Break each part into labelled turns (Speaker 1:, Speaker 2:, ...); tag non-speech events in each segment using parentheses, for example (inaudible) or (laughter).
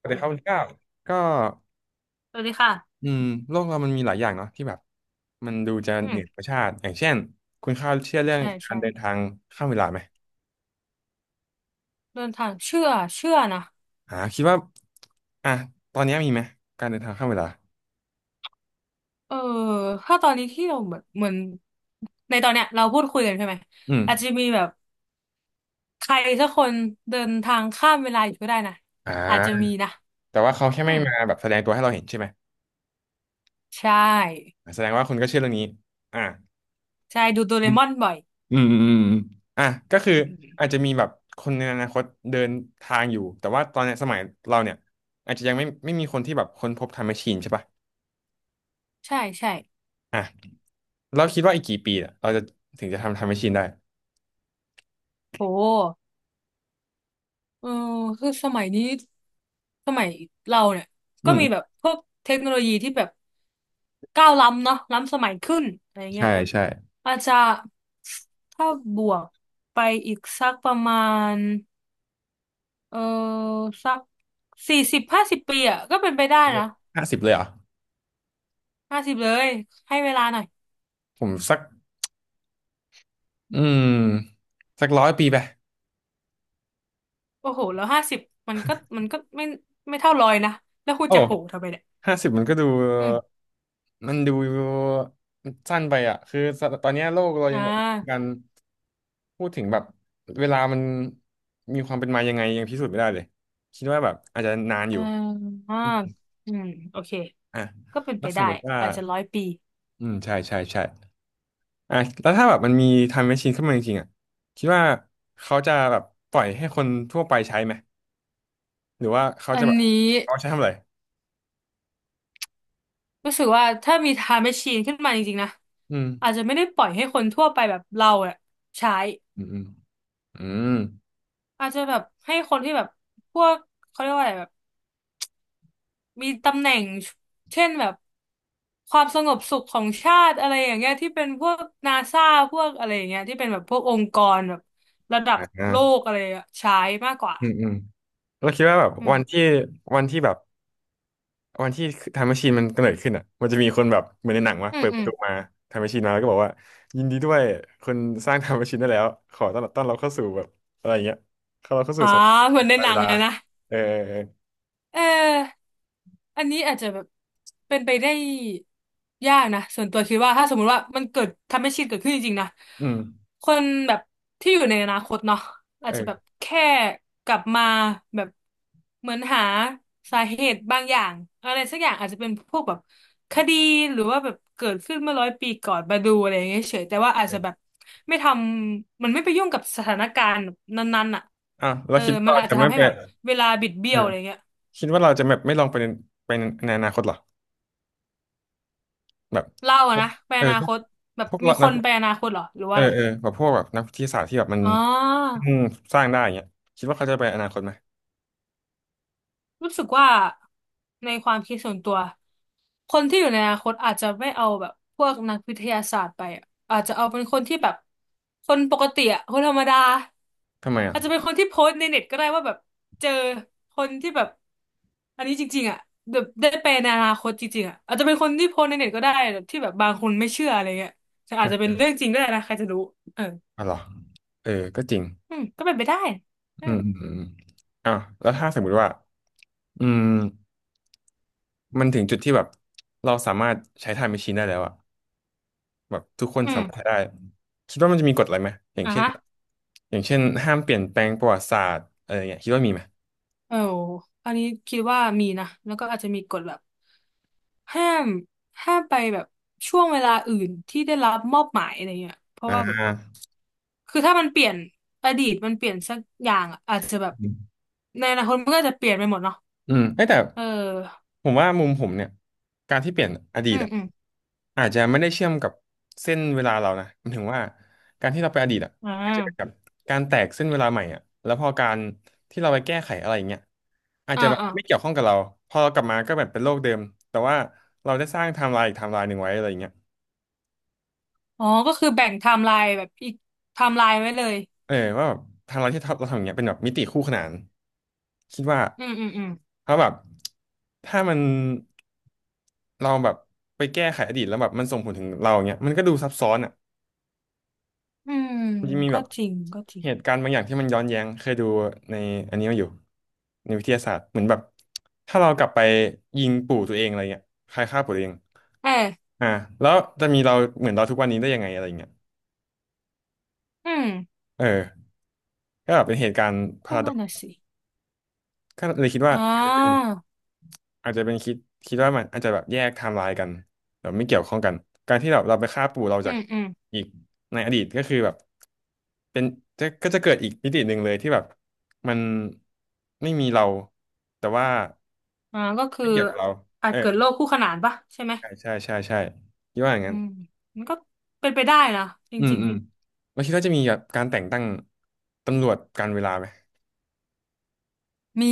Speaker 1: สวัสดีครับคุณก้าวก็
Speaker 2: สวัสดีค่ะ
Speaker 1: อืมโลกเรามันมีหลายอย่างเนาะที่แบบมันดูจะ
Speaker 2: อื
Speaker 1: เห
Speaker 2: ม
Speaker 1: นือธรรมชาติอย่างเช่นคุณข้าวเชื่อเรื่อง
Speaker 2: ใช่
Speaker 1: การ
Speaker 2: ใช่
Speaker 1: เดินทางข้ามเวลาไหม
Speaker 2: เดินทางเชื่อเชื่อนะ
Speaker 1: คิดว่าอ่ะตอนนี้มีไหมการเดินทางข้ามเวลา
Speaker 2: เออ ถ้าตอนนี้ที่เราเหมือนในตอนเนี้ยเราพูดคุยกันใช่ไหม
Speaker 1: อืม
Speaker 2: อาจจะมีแบบใครสักคนเดินทางข้ามเวลาอยู่ก็ได้นะ
Speaker 1: อ่
Speaker 2: อาจจะ
Speaker 1: า
Speaker 2: มีนะ
Speaker 1: แต่ว่าเขาแค่
Speaker 2: อื
Speaker 1: ไม่
Speaker 2: ม
Speaker 1: มาแบบแสดงตัวให้เราเห็นใช่ไหม
Speaker 2: ใช่
Speaker 1: แสดงว่าคุณก็เชื่อเรื่องนี้อ่า
Speaker 2: ใช่ดูโดเร
Speaker 1: อืม
Speaker 2: มอนบ่อย
Speaker 1: อืมอืมอืมอ่ะก็
Speaker 2: (laughs)
Speaker 1: คื
Speaker 2: อื
Speaker 1: ออาจ
Speaker 2: ม
Speaker 1: จะมีแบบคนในอนาคตเดินทางอยู่แต่ว่าตอนเนี้ยสมัยเราเนี่ยอาจจะยังไม่มีคนที่แบบค้นพบไทม์แมชชีนใช่ปะ
Speaker 2: ใช่ใช่
Speaker 1: อ่ะ เราคิดว่าอีกกี่ปีเเราจะถึงจะทำแมชชีนได้
Speaker 2: โห เออคือสมัยนี้สมัยเราเนี่ย
Speaker 1: อื
Speaker 2: ก็มีแบบ
Speaker 1: ม
Speaker 2: พวกเทคโนโลยีที่แบบก้าวล้ำเนาะล้ำสมัยขึ้นอะไรเงี้
Speaker 1: ใช่
Speaker 2: ย
Speaker 1: ใช่
Speaker 2: อาจจะถ้าบวกไปอีกสักประมาณเออสัก40 50 ปีอ่ะก็เป็นไปได้นะ
Speaker 1: ห้าสิบเลยเหรอ
Speaker 2: 50 เลยให้เวลาหน่อย
Speaker 1: ผมสักอืมสัก100 ปีไป
Speaker 2: โอ้โหแล้วห้าสิบมันก็ไม่เท่าร้อยนะแล้วคุณ
Speaker 1: โอ้
Speaker 2: จะโหทำไมเนี่ย
Speaker 1: ห้าสิบมันก็ดู
Speaker 2: อืม
Speaker 1: มันดูสั้นไปอ่ะคือตอนเนี้ยโลกเรา
Speaker 2: อ่
Speaker 1: ยังแบบการ
Speaker 2: า
Speaker 1: พูดถึงแบบเวลามันมีความเป็นมายังไงยังพิสูจน์ไม่ได้เลยคิดว่าแบบอาจจะนานอ
Speaker 2: อ่า
Speaker 1: ยู่
Speaker 2: อ่าอืมโอเค
Speaker 1: อ่ะ
Speaker 2: ก็เป็น
Speaker 1: แล้
Speaker 2: ไป
Speaker 1: วส
Speaker 2: ได้
Speaker 1: มมติว่า
Speaker 2: อาจจะร้อยปี
Speaker 1: อืมใช่ใช่ใช่ อ่ะแล้วถ้าแบบมันมี time machine ขึ้นมาจริงๆอ่ะคิดว่าเขาจะแบบปล่อยให้คนทั่วไปใช้ไหมหรือว่าเขา
Speaker 2: อั
Speaker 1: จะ
Speaker 2: น
Speaker 1: แบบ
Speaker 2: นี้
Speaker 1: เอาใช้ทำอะไร
Speaker 2: รู้สึกว่าถ้ามีไทม์แมชชีนขึ้นมาจริงๆนะ
Speaker 1: อืม
Speaker 2: อาจจะไม่ได้ปล่อยให้คนทั่วไปแบบเราอะใช้
Speaker 1: อืมอืมอืม
Speaker 2: อาจจะแบบให้คนที่แบบพวกเขาเรียกว่าอะไรแบบมีตำแหน่งเช่นแบบความสงบสุขของชาติอะไรอย่างเงี้ยที่เป็นพวกนาซาพวกอะไรอย่างเงี้ยที่เป็นแบบพวกองค์กรแบบระดับ
Speaker 1: อ่า
Speaker 2: โลกอะไรอะใช้มากกว่า
Speaker 1: อืมอืมเราคิดว่าแบบ
Speaker 2: อืม
Speaker 1: วันที่แบบวันที่ time machine มันกำเนิดขึ้นอ่ะมันจะมีคนแบบเหมือนในหนังวะ
Speaker 2: อืม
Speaker 1: เปิด
Speaker 2: อื
Speaker 1: ประ
Speaker 2: ม
Speaker 1: ตูมา time machine มาแล้วก็บอกว่ายินดีด้วยคนสร้าง (laughs) time machine ได้แล้วขอต้อนรับเข้าสู่แบบอะไรอย่างเงี้ยเราเข้าสู่
Speaker 2: อ่า
Speaker 1: สม
Speaker 2: เหมือนใน
Speaker 1: ั
Speaker 2: ห
Speaker 1: ย
Speaker 2: นั
Speaker 1: เว
Speaker 2: ง
Speaker 1: ลา
Speaker 2: อะนะ
Speaker 1: เออเออเออ
Speaker 2: เออ อันนี้อาจจะแบบเป็นไปได้ยากนะส่วนตัวคิดว่าถ้าสมมุติว่ามันเกิดทำให้ชินเกิดขึ้นจริงๆนะ
Speaker 1: อืม
Speaker 2: คนแบบที่อยู่ในอนาคตเนาะอาจจะแบบ
Speaker 1: เออ
Speaker 2: แค่กลับมาแบบเหมือนหาสาเหตุบางอย่างอะไรสักอย่างอาจจะเป็นพวกแบบคดีหรือว่าแบบเกิดขึ้นเมื่อร้อยปีก่อนมาดูอะไรอย่างเงี้ยเฉยแต่ว่าอาจจะแบบไม่ทำมันไม่ไปยุ่งกับสถานการณ์นั้นๆอ่ะ
Speaker 1: อ่ะเรา
Speaker 2: เออ
Speaker 1: คิด
Speaker 2: มั
Speaker 1: ว่า
Speaker 2: น
Speaker 1: เรา
Speaker 2: อาจ
Speaker 1: จะ
Speaker 2: จะ
Speaker 1: ไม่
Speaker 2: ทำให้
Speaker 1: ไป
Speaker 2: แบบเวลาบิดเบี้
Speaker 1: เอ
Speaker 2: ย
Speaker 1: อ
Speaker 2: วอะไรเงี้ย
Speaker 1: คิดว่าเราจะแบบไม่ลองไปในอนาคตเหรอแบบ
Speaker 2: เล่าอะนะไป
Speaker 1: เอ
Speaker 2: อ
Speaker 1: อ
Speaker 2: นา
Speaker 1: พว
Speaker 2: ค
Speaker 1: ก
Speaker 2: ตแบบ
Speaker 1: พวก
Speaker 2: มี
Speaker 1: เรา
Speaker 2: ค
Speaker 1: นัก
Speaker 2: นไปอนาคตเหรอหรือ
Speaker 1: เอ
Speaker 2: ว่า
Speaker 1: อ
Speaker 2: อะไร
Speaker 1: เออแบบพวกแบบนักวิทยาศาสตร์ที่แบบมัน
Speaker 2: อ๋
Speaker 1: อื
Speaker 2: อ
Speaker 1: มสร้างได้อย่างเงี้ยคิดว่าเขาจะไปอนาคตไหม
Speaker 2: รู้สึกว่าในความคิดส่วนตัวคนที่อยู่ในอนาคตอาจจะไม่เอาแบบพวกนักวิทยาศาสตร์ไปอะอาจจะเอาเป็นคนที่แบบคนปกติอะคนธรรมดา
Speaker 1: ทำไมอ่ะ
Speaker 2: อาจจะเป็นคนที่โพสต์ในเน็ตก็ได้ว่าแบบเจอคนที่แบบอันนี้จริงๆอะแบบได้ไปในอนาคตจริงๆอะอาจจะเป็นคนที่โพสต์ในเน็ตก็ได้แบบที่แบบบางคนไม่เชื่ออะไรเงี้ยแต่อาจ
Speaker 1: อ
Speaker 2: จะเป็น
Speaker 1: ะ
Speaker 2: เรื่องจริงก็ได้นะใครจะรู้เออ
Speaker 1: อ๋อเหรอเออก็จริง
Speaker 2: อืมก็เป็นไปได้เออ
Speaker 1: อืมอืมอืมอ่ะแล้วถ้าสมมติว่าอืมมันถึงจุดที่แบบเราสามารถใช้ไทม์แมชชีนได้แล้วอะแบบทุกคน
Speaker 2: อื
Speaker 1: สามารถใช้
Speaker 2: ม
Speaker 1: ได้คิดว่ามันจะมีกฎอะไรไหมอย่าง
Speaker 2: อ่ะ
Speaker 1: เช่น
Speaker 2: ฮะ
Speaker 1: อย่างเช่นห้ามเปลี่ยนแปลงประวัติศาสตร์อะไรอย่างเงี้ยคิดว่ามีไหม
Speaker 2: เอออันนี้คิดว่ามีนะแล้วก็อาจจะมีกฎแบบห้ามห้ามไปแบบช่วงเวลาอื่นที่ได้รับมอบหมายอะไรเงี้ยเพราะ
Speaker 1: อ่า
Speaker 2: ว่าแบบคือถ้ามันเปลี่ยนอดีตมันเปลี่ยนสักอย่างอะอาจจะแบบ
Speaker 1: อืม
Speaker 2: ในอนาคตมันก็จะเปลี่ยนไปหมดเนาะ
Speaker 1: เอ้ยแต่
Speaker 2: เออ
Speaker 1: ผมว่ามุมผมเนี่ยการที่เปลี่ยนอดี
Speaker 2: อื
Speaker 1: ต
Speaker 2: ม
Speaker 1: อะ
Speaker 2: อืม
Speaker 1: อาจจะไม่ได้เชื่อมกับเส้นเวลาเรานะหมันถึงว่าการที่เราไปอดีตอะ
Speaker 2: อ่
Speaker 1: อาจจะเป็นแบบ
Speaker 2: า
Speaker 1: การแตกเส้นเวลาใหม่อะแล้วพอการที่เราไปแก้ไขอะไรอย่างเงี้ยอาจ
Speaker 2: อ่า
Speaker 1: จะแบบ
Speaker 2: อ่า
Speaker 1: ไม่เกี่ยวข้องกับเราพอเรากลับมาก็แบบเป็นโลกเดิมแต่ว่าเราได้สร้างไทม์ไลน์อีกไทม์ไลน์หนึ่งไว้อะไรอย่างเงี้ย
Speaker 2: อ๋อก็คือแบ่งไทม์ไลน์แบบอีกไทม์ไลน์ไว้เลย
Speaker 1: เออว่าแบบทางเราที่เราทำอย่างเงี้ยเป็นแบบมิติคู่ขนานคิดว่า
Speaker 2: อืมอืมอืม
Speaker 1: เพราะแบบถ้ามันเราแบบไปแก้ไขอดีตแล้วแบบมันส่งผลถึงเราอย่างเงี้ยมันก็ดูซับซ้อนอ่ะ
Speaker 2: อืม
Speaker 1: มันจะมี
Speaker 2: ก็
Speaker 1: แบบ
Speaker 2: จริงก็จริง
Speaker 1: เหตุการณ์บางอย่างที่มันย้อนแย้งเคยดูในอันนี้มาอยู่ในวิทยาศาสตร์เหมือนแบบถ้าเรากลับไปยิงปู่ตัวเองอะไรเงี้ยใครฆ่าปู่ตัวเอง
Speaker 2: เออ
Speaker 1: อ่าแล้วจะมีเราเหมือนเราทุกวันนี้ได้ยังไงอะไรเงี้ย
Speaker 2: อืม
Speaker 1: เออก็แบบเป็นเหตุการณ์พา
Speaker 2: ก็
Speaker 1: ราดอ
Speaker 2: นั่นน่ะ
Speaker 1: ก
Speaker 2: สิ
Speaker 1: ก็เลยคิดว่า
Speaker 2: อ๋อ
Speaker 1: อาจจะเป็นคิดว่ามันอาจจะแบบแยกไทม์ไลน์กันแบบไม่เกี่ยวข้องกันการที่เราไปฆ่าปู่เรา
Speaker 2: อื
Speaker 1: จาก
Speaker 2: มอืม
Speaker 1: อีกในอดีตก็คือแบบเป็นจะก็จะเกิดอีกมิติหนึ่งเลยที่แบบมันไม่มีเราแต่ว่า
Speaker 2: อ่าก็คือ
Speaker 1: ไม่เกี่ยวกับเรา
Speaker 2: อา
Speaker 1: เอ
Speaker 2: จ
Speaker 1: อ
Speaker 2: เกิดโรคคู่ขนานปะใช่ไหม
Speaker 1: ใช่ใช่ใช่ใช่คิดว่าอย่าง
Speaker 2: อื
Speaker 1: นั้น
Speaker 2: มมันก็เป็นไปได้นะจ
Speaker 1: อืม
Speaker 2: ริง
Speaker 1: อืมแล้วคิดว่าจะมีแบบการแต่งตั้งตำรวจการเวลาไหม
Speaker 2: ๆมี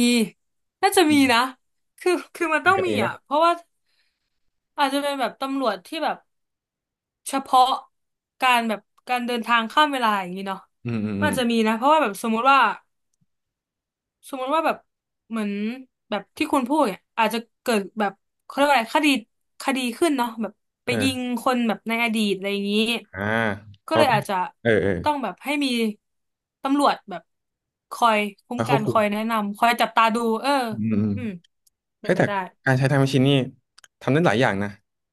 Speaker 2: น่าจะ
Speaker 1: อื
Speaker 2: มีนะ
Speaker 1: ม
Speaker 2: คือมัน
Speaker 1: ใน
Speaker 2: ต้อง
Speaker 1: การ์
Speaker 2: มี
Speaker 1: ตูนปะ
Speaker 2: อ่ะเพราะว่าอาจจะเป็นแบบตำรวจที่แบบเฉพาะการแบบการเดินทางข้ามเวลาอย่างนี้เนาะ
Speaker 1: อืมอืม
Speaker 2: มั
Speaker 1: อื
Speaker 2: น
Speaker 1: ม
Speaker 2: อาจจะมีนะเพราะว่าแบบสมมุติว่าแบบเหมือนแบบที่คุณพูดเนี่ยอาจจะเกิดแบบเขาเรียกว่าอะไรคดีคดีขึ้นเนาะแบบไป
Speaker 1: เอ
Speaker 2: ยิง
Speaker 1: อ
Speaker 2: คนแบบในอดีตอะไรอย่างนี้
Speaker 1: อ่า
Speaker 2: ก็
Speaker 1: เขา
Speaker 2: เลย
Speaker 1: ก็
Speaker 2: อาจจะ
Speaker 1: เออเออ
Speaker 2: ต้องแบบให้มีตำรวจแบบคอยคุ้ม
Speaker 1: เขาค
Speaker 2: กั
Speaker 1: วบ
Speaker 2: นค
Speaker 1: คุม
Speaker 2: อยแนะนำคอยจับตาดูเออ
Speaker 1: อืมอืม
Speaker 2: อืมเป็
Speaker 1: เฮ้
Speaker 2: น
Speaker 1: ย
Speaker 2: ไป
Speaker 1: แต่
Speaker 2: ได้
Speaker 1: การใช้ไทม์แมชชีนนี่ทำได้หลายอย่างนะ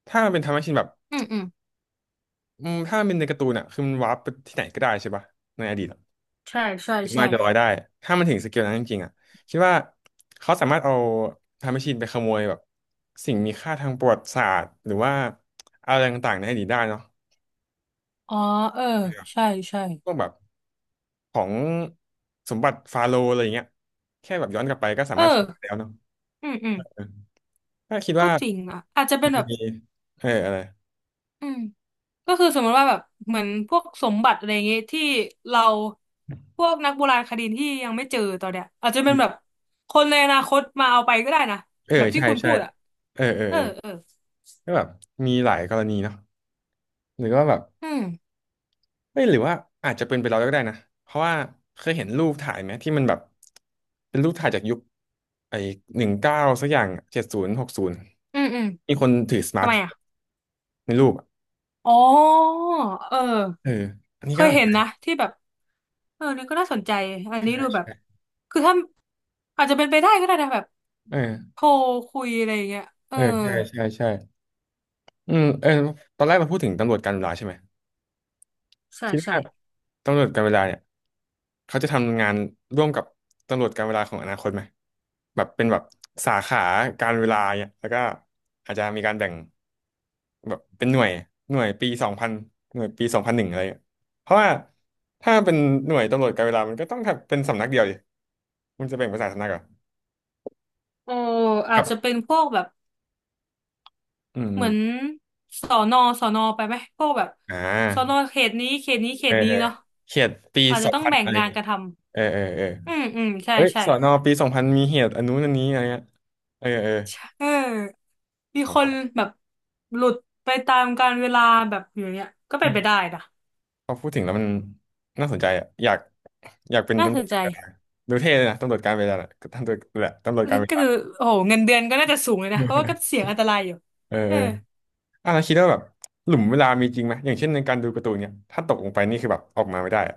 Speaker 1: ถ้ามันเป็นไทม์แมชชีนแบบ
Speaker 2: อืมอืม
Speaker 1: อืมถ้ามันเป็นในการ์ตูนอ่ะคือมันวาร์ปไปที่ไหนก็ได้ใช่ปะในอดีตอะ
Speaker 2: ใช่ใช่
Speaker 1: หรือมน
Speaker 2: ใช่
Speaker 1: อาจจะลอยได้ถ้ามันถึงสเกลนั้นจริงๆอ่ะคิดว่าเขาสามารถเอาไทม์แมชชีนไปขโมยแบบสิ่งมีค่าทางประวัติศาสตร์หรือว่าอะไรต่างๆในอดีตได้เนาะ
Speaker 2: อ๋อเออ
Speaker 1: ครับ
Speaker 2: ใช่ใช่
Speaker 1: พวกแบบของสมบัติฟาโรห์อะไรอย่างเงี้ยแค่แบบย้อนกลับไปก็สา
Speaker 2: เอ
Speaker 1: มารถขโมยได้
Speaker 2: อ
Speaker 1: แล้วเนาะ
Speaker 2: อืมอืม
Speaker 1: เออถ้าคิด
Speaker 2: ก็
Speaker 1: ว่า
Speaker 2: จริงอ่ะอาจจะเป็
Speaker 1: อา
Speaker 2: น
Speaker 1: จ
Speaker 2: แบ
Speaker 1: จะ
Speaker 2: บ
Speaker 1: มีเอออะไร
Speaker 2: อืมก็คือสมมติว่าแบบเหมือนพวกสมบัติอะไรอย่างเงี้ยที่เราพวกนักโบราณคดีที่ยังไม่เจอตอนเนี้ยอาจจะเป็นแบบคนในอนาคตมาเอาไปก็ได้นะ
Speaker 1: เออ
Speaker 2: แบบที่
Speaker 1: ใช่
Speaker 2: คุณ
Speaker 1: ใช่
Speaker 2: พูดอ่ะ
Speaker 1: เออเออ
Speaker 2: เออ
Speaker 1: เออ
Speaker 2: เออ
Speaker 1: ก็แบบมีหลายกรณีเนาะหรือว่าแบบ
Speaker 2: อืม
Speaker 1: ไม่หรือว่าอาจจะเป็นไปเราก็ได้นะเพราะว่าเคยเห็นรูปถ่ายไหมที่มันแบบเป็นรูปถ่ายจากยุคไอ้19 สักอย่าง 70 60
Speaker 2: อืมอืม
Speaker 1: มีคนถือสมา
Speaker 2: ทำ
Speaker 1: ร์ท
Speaker 2: ไม
Speaker 1: โฟ
Speaker 2: อ่ะ
Speaker 1: นในรูปอะ
Speaker 2: อ๋อเอ
Speaker 1: เอ
Speaker 2: อ
Speaker 1: ออันนี้
Speaker 2: เค
Speaker 1: ก็
Speaker 2: ยเห็นนะที่แบบเออนี่ก็น่าสนใจอันนี้
Speaker 1: ใช่
Speaker 2: ดูแบบ
Speaker 1: ใช่
Speaker 2: คือถ้าอาจจะเป็นไปได้ก็ได้นะแบบ
Speaker 1: เอ
Speaker 2: โท
Speaker 1: อ
Speaker 2: รคุยอะไรอย่างเงี้ยเอ
Speaker 1: เอ
Speaker 2: อ
Speaker 1: อใช่ใช่ใช่อืมเออตอนแรกเราพูดถึงตำรวจการเวลาใช่ไหม
Speaker 2: ใช่
Speaker 1: คิด
Speaker 2: ใช่
Speaker 1: ว่าตำรวจการเวลาเนี่ยเขาจะทำงานร่วมกับตำรวจการเวลาของอนาคตไหมแบบเป็นแบบสาขาการเวลาเนี่ยแล้วก็อาจจะมีการแบ่งแบบเป็นหน่วยหน่วยปีสองพันหน่วยปี 2001อะไรเงี้ยเพราะว่าถ้าเป็นหน่วยตำรวจการเวลามันก็ต้องทำเป็นสำนักเดียวดิมันจะแบ่งเป็นสายสำนักเหรอ
Speaker 2: โอ้อา
Speaker 1: ค
Speaker 2: จ
Speaker 1: รั
Speaker 2: จะ
Speaker 1: บ
Speaker 2: เป็นพวกแบบ
Speaker 1: อืมอ
Speaker 2: เหมือ
Speaker 1: ม
Speaker 2: นสอนอสอนอไปไหมพวกแบบ
Speaker 1: อ่
Speaker 2: สอนอ
Speaker 1: า
Speaker 2: เขตนี้เขตนี้เข
Speaker 1: เออ
Speaker 2: ตนี้
Speaker 1: เออ
Speaker 2: เนาะ
Speaker 1: เขตปี
Speaker 2: อาจ
Speaker 1: ส
Speaker 2: จะ
Speaker 1: อง
Speaker 2: ต้อง
Speaker 1: พัน
Speaker 2: แบ่ง
Speaker 1: อะไร
Speaker 2: งาน
Speaker 1: เงี้ย
Speaker 2: กันท
Speaker 1: เออเออเออ
Speaker 2: ำอืมอืมใช่
Speaker 1: เฮ้ย
Speaker 2: ใช่
Speaker 1: สอนอปีสองพันมีเหตุอันนู้นอันนี้อะไรเงี้ยเออเออ
Speaker 2: ใช่เออมีคนแบบหลุดไปตามกาลเวลาแบบอย่างเงี้ยก็เป็
Speaker 1: อื
Speaker 2: นไปได้
Speaker 1: ม
Speaker 2: นะ
Speaker 1: พอพูดถึงแล้วมันน่าสนใจอ่ะอยากเป็น
Speaker 2: น่า
Speaker 1: ตำ
Speaker 2: ส
Speaker 1: รว
Speaker 2: น
Speaker 1: จ
Speaker 2: ใจ
Speaker 1: การเวลาดูเท่เลยนะตำรวจการเวลาน่ะตำรวจแหละตำรวจการเว
Speaker 2: ก็
Speaker 1: ลา
Speaker 2: คือโอ้โหเงินเดือนก็น่าจะสูงเลยนะเพราะว่าก็เสี่ยงอันตรายอยู่
Speaker 1: เออ
Speaker 2: เอ
Speaker 1: เอ
Speaker 2: อ
Speaker 1: อแล้วคิดว่าแบบหลุมเวลามีจริงไหมอย่างเช่นในการดูการ์ตูนเนี่ยถ้าตกลงไปนี่คือแบบออกมาไม่ได้อะ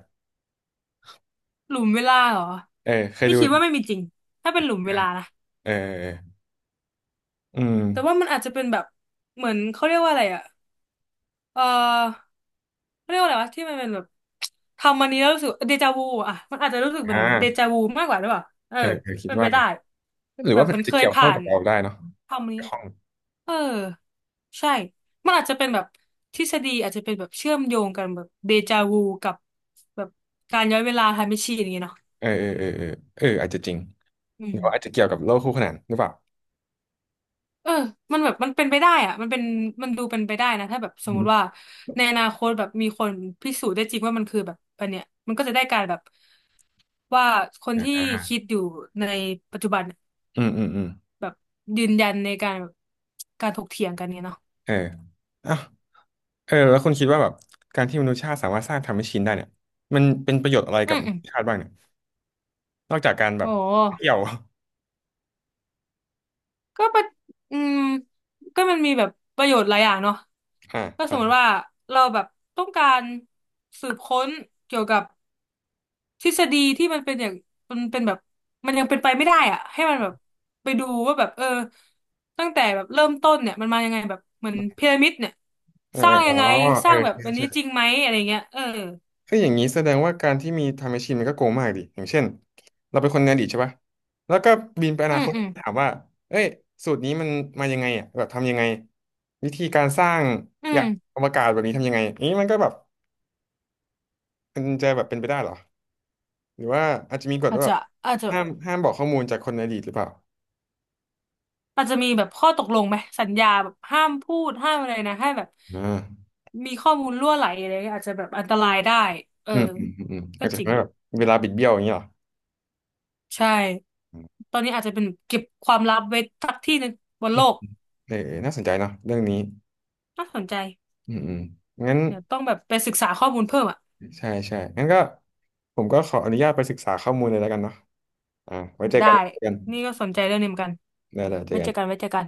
Speaker 2: หลุมเวลาเหรอ
Speaker 1: เออเคย
Speaker 2: นี่
Speaker 1: ดู
Speaker 2: คิดว่าไม่มีจริงถ้าเป็นหลุมเว
Speaker 1: อ่ะ
Speaker 2: ลานะ
Speaker 1: เออเอออืม
Speaker 2: แต่ว่ามันอาจจะเป็นแบบเหมือนเขาเรียกว่าอะไรอ่ะเออเขาเรียกว่าอะไรวะที่มันเป็นแบบทำมันนี้แล้วรู้สึกเดจาวูอ่ะมันอาจจะรู้สึกเหมื
Speaker 1: อ่
Speaker 2: อนเดจา
Speaker 1: า
Speaker 2: วูมากกว่าหรือเปล่าเออ
Speaker 1: เออเออคิด
Speaker 2: เป็น
Speaker 1: ว่า
Speaker 2: ไป
Speaker 1: ไง
Speaker 2: ได้
Speaker 1: หรือ
Speaker 2: แบบ
Speaker 1: ว่ามัน
Speaker 2: มั
Speaker 1: อา
Speaker 2: น
Speaker 1: จ
Speaker 2: เค
Speaker 1: จะ
Speaker 2: ย
Speaker 1: เกี่ยวข้อ
Speaker 2: ผ่า
Speaker 1: งกั
Speaker 2: น
Speaker 1: บเราได้เนาะ
Speaker 2: ทำมันนี้
Speaker 1: เกี่ยวข้อง
Speaker 2: เออใช่มันอาจจะเป็นแบบทฤษฎีอาจจะเป็นแบบเชื่อมโยงกันแบบเดจาวูกับแบบการย้อนเวลาไทม์แมชชีนอย่างเงี้ยเนาะ
Speaker 1: เออเออเออเออเอออาจจะจริง
Speaker 2: อื
Speaker 1: หรื
Speaker 2: ม
Speaker 1: อว่าอาจจะเกี่ยวกับโลกคู่ขนานหรือเปล่า
Speaker 2: เออมันแบบมันเป็นไปได้อะมันเป็นมันดูเป็นไปได้นะถ้าแบบส
Speaker 1: อื
Speaker 2: มมุ
Speaker 1: ม
Speaker 2: ติว่าในอนาคตแบบมีคนพิสูจน์ได้จริงว่ามันคือแบบอันเนี้ยมันก็จะได้การแบบว่าคนที่
Speaker 1: อ่า
Speaker 2: คิดอยู่ในปัจจุบันเนี่ย
Speaker 1: อืมอืมอืม
Speaker 2: แบบยืนยันในการแบบการถกเถียงกันเนี่ยเนาะ
Speaker 1: เอออ่ะ เออแล้วคุณคิดว่าแบบการที่มนุษยชาติสามารถสร้างทำแมชชีนได้เนี่ยมันเป็นประโยชน์อะไร
Speaker 2: อื
Speaker 1: กับ
Speaker 2: ม
Speaker 1: ม
Speaker 2: อื
Speaker 1: นุ
Speaker 2: ม
Speaker 1: ษยชาติบ้างเนี่ยนอกจากการแบ
Speaker 2: โอ
Speaker 1: บเที่
Speaker 2: ้
Speaker 1: ยว (laughs)
Speaker 2: ก็ประอืมก็มันมีแบบประโยชน์หลายอย่างเนาะ
Speaker 1: อ่า
Speaker 2: ก็สมม
Speaker 1: อ่า
Speaker 2: ติว่าเราแบบต้องการสืบค้นเกี่ยวกับทฤษฎีที่มันเป็นอย่างมันเป็นแบบมันยังเป็นไปไม่ได้อะให้มันแบบไปดูว่าแบบเออตั้งแต่แบบเริ่มต้นเนี่ยมันมายังไงแบบเหมือนพีระมิดเนี่ย
Speaker 1: เออ
Speaker 2: ส
Speaker 1: เอ
Speaker 2: ร้า
Speaker 1: อ
Speaker 2: ง
Speaker 1: อ๋
Speaker 2: ยั
Speaker 1: อ
Speaker 2: งไงส
Speaker 1: เออ
Speaker 2: ร้างแบบ
Speaker 1: ใช่
Speaker 2: อันนี้
Speaker 1: ใช่
Speaker 2: จริงไหมอะไรเงี้ยเออ
Speaker 1: เอ้ยอย่างนี้แสดงว่าการที่มีไทำแมชชีนมันก็โกงมากดิอย่างเช่นเราเป็นคนในอดีตใช่ปะแล้วก็บินไปอ
Speaker 2: อื
Speaker 1: นา
Speaker 2: ม
Speaker 1: คต
Speaker 2: อืม
Speaker 1: ถามว่าเอ้ยสูตรนี้มันมายังไงอ่ะแบบทำยังไงวิธีการสร้าง
Speaker 2: อื
Speaker 1: ยาน
Speaker 2: ม
Speaker 1: อวกาศแบบนี้ทำยังไงอย่างนี้มันก็แบบมันจะแบบเป็นไปได้เหรอหรือว่าอาจจะมีกฎ
Speaker 2: อาจ
Speaker 1: ว่าแบ
Speaker 2: จะ
Speaker 1: บ
Speaker 2: อาจจะ
Speaker 1: ห้ามบอกข้อมูลจากคนในอดีตหรือเปล่า
Speaker 2: อาจจะมีแบบข้อตกลงไหมสัญญาแบบห้ามพูดห้ามอะไรนะให้แบบ
Speaker 1: อ่า
Speaker 2: มีข้อมูลรั่วไหลอะไรเงี้ยอาจจะแบบอันตรายได้เออ
Speaker 1: อืมอืมอืมอืม
Speaker 2: ก็
Speaker 1: อาจจะ
Speaker 2: จริ
Speaker 1: ทำ
Speaker 2: ง
Speaker 1: ให้แบบเวลาบิดเบี้ยวอย่างเงี้ยเหรอ
Speaker 2: ใช่
Speaker 1: อืม
Speaker 2: ตอนนี้อาจจะเป็นเก็บความลับไว้สักที่หนึงบนโลก
Speaker 1: เออเออน่าสนใจเนาะเรื่องนี้
Speaker 2: น่าสนใจ
Speaker 1: อืมอืมงั้น
Speaker 2: เนี่ยต้องแบบไปศึกษาข้อมูลเพิ่มอ่ะ
Speaker 1: ใช่ใช่งั้นก็ผมก็ขออนุญาตไปศึกษาข้อมูลเลยแล้วกันเนาะอ่าไว้เจอ
Speaker 2: ได้
Speaker 1: กันเจอกัน
Speaker 2: นี่ก็สนใจเรื่องนี้เหมือนกัน
Speaker 1: ได้ได้เจอ
Speaker 2: ไว้
Speaker 1: กั
Speaker 2: เจ
Speaker 1: น
Speaker 2: อกันไว้เจอกัน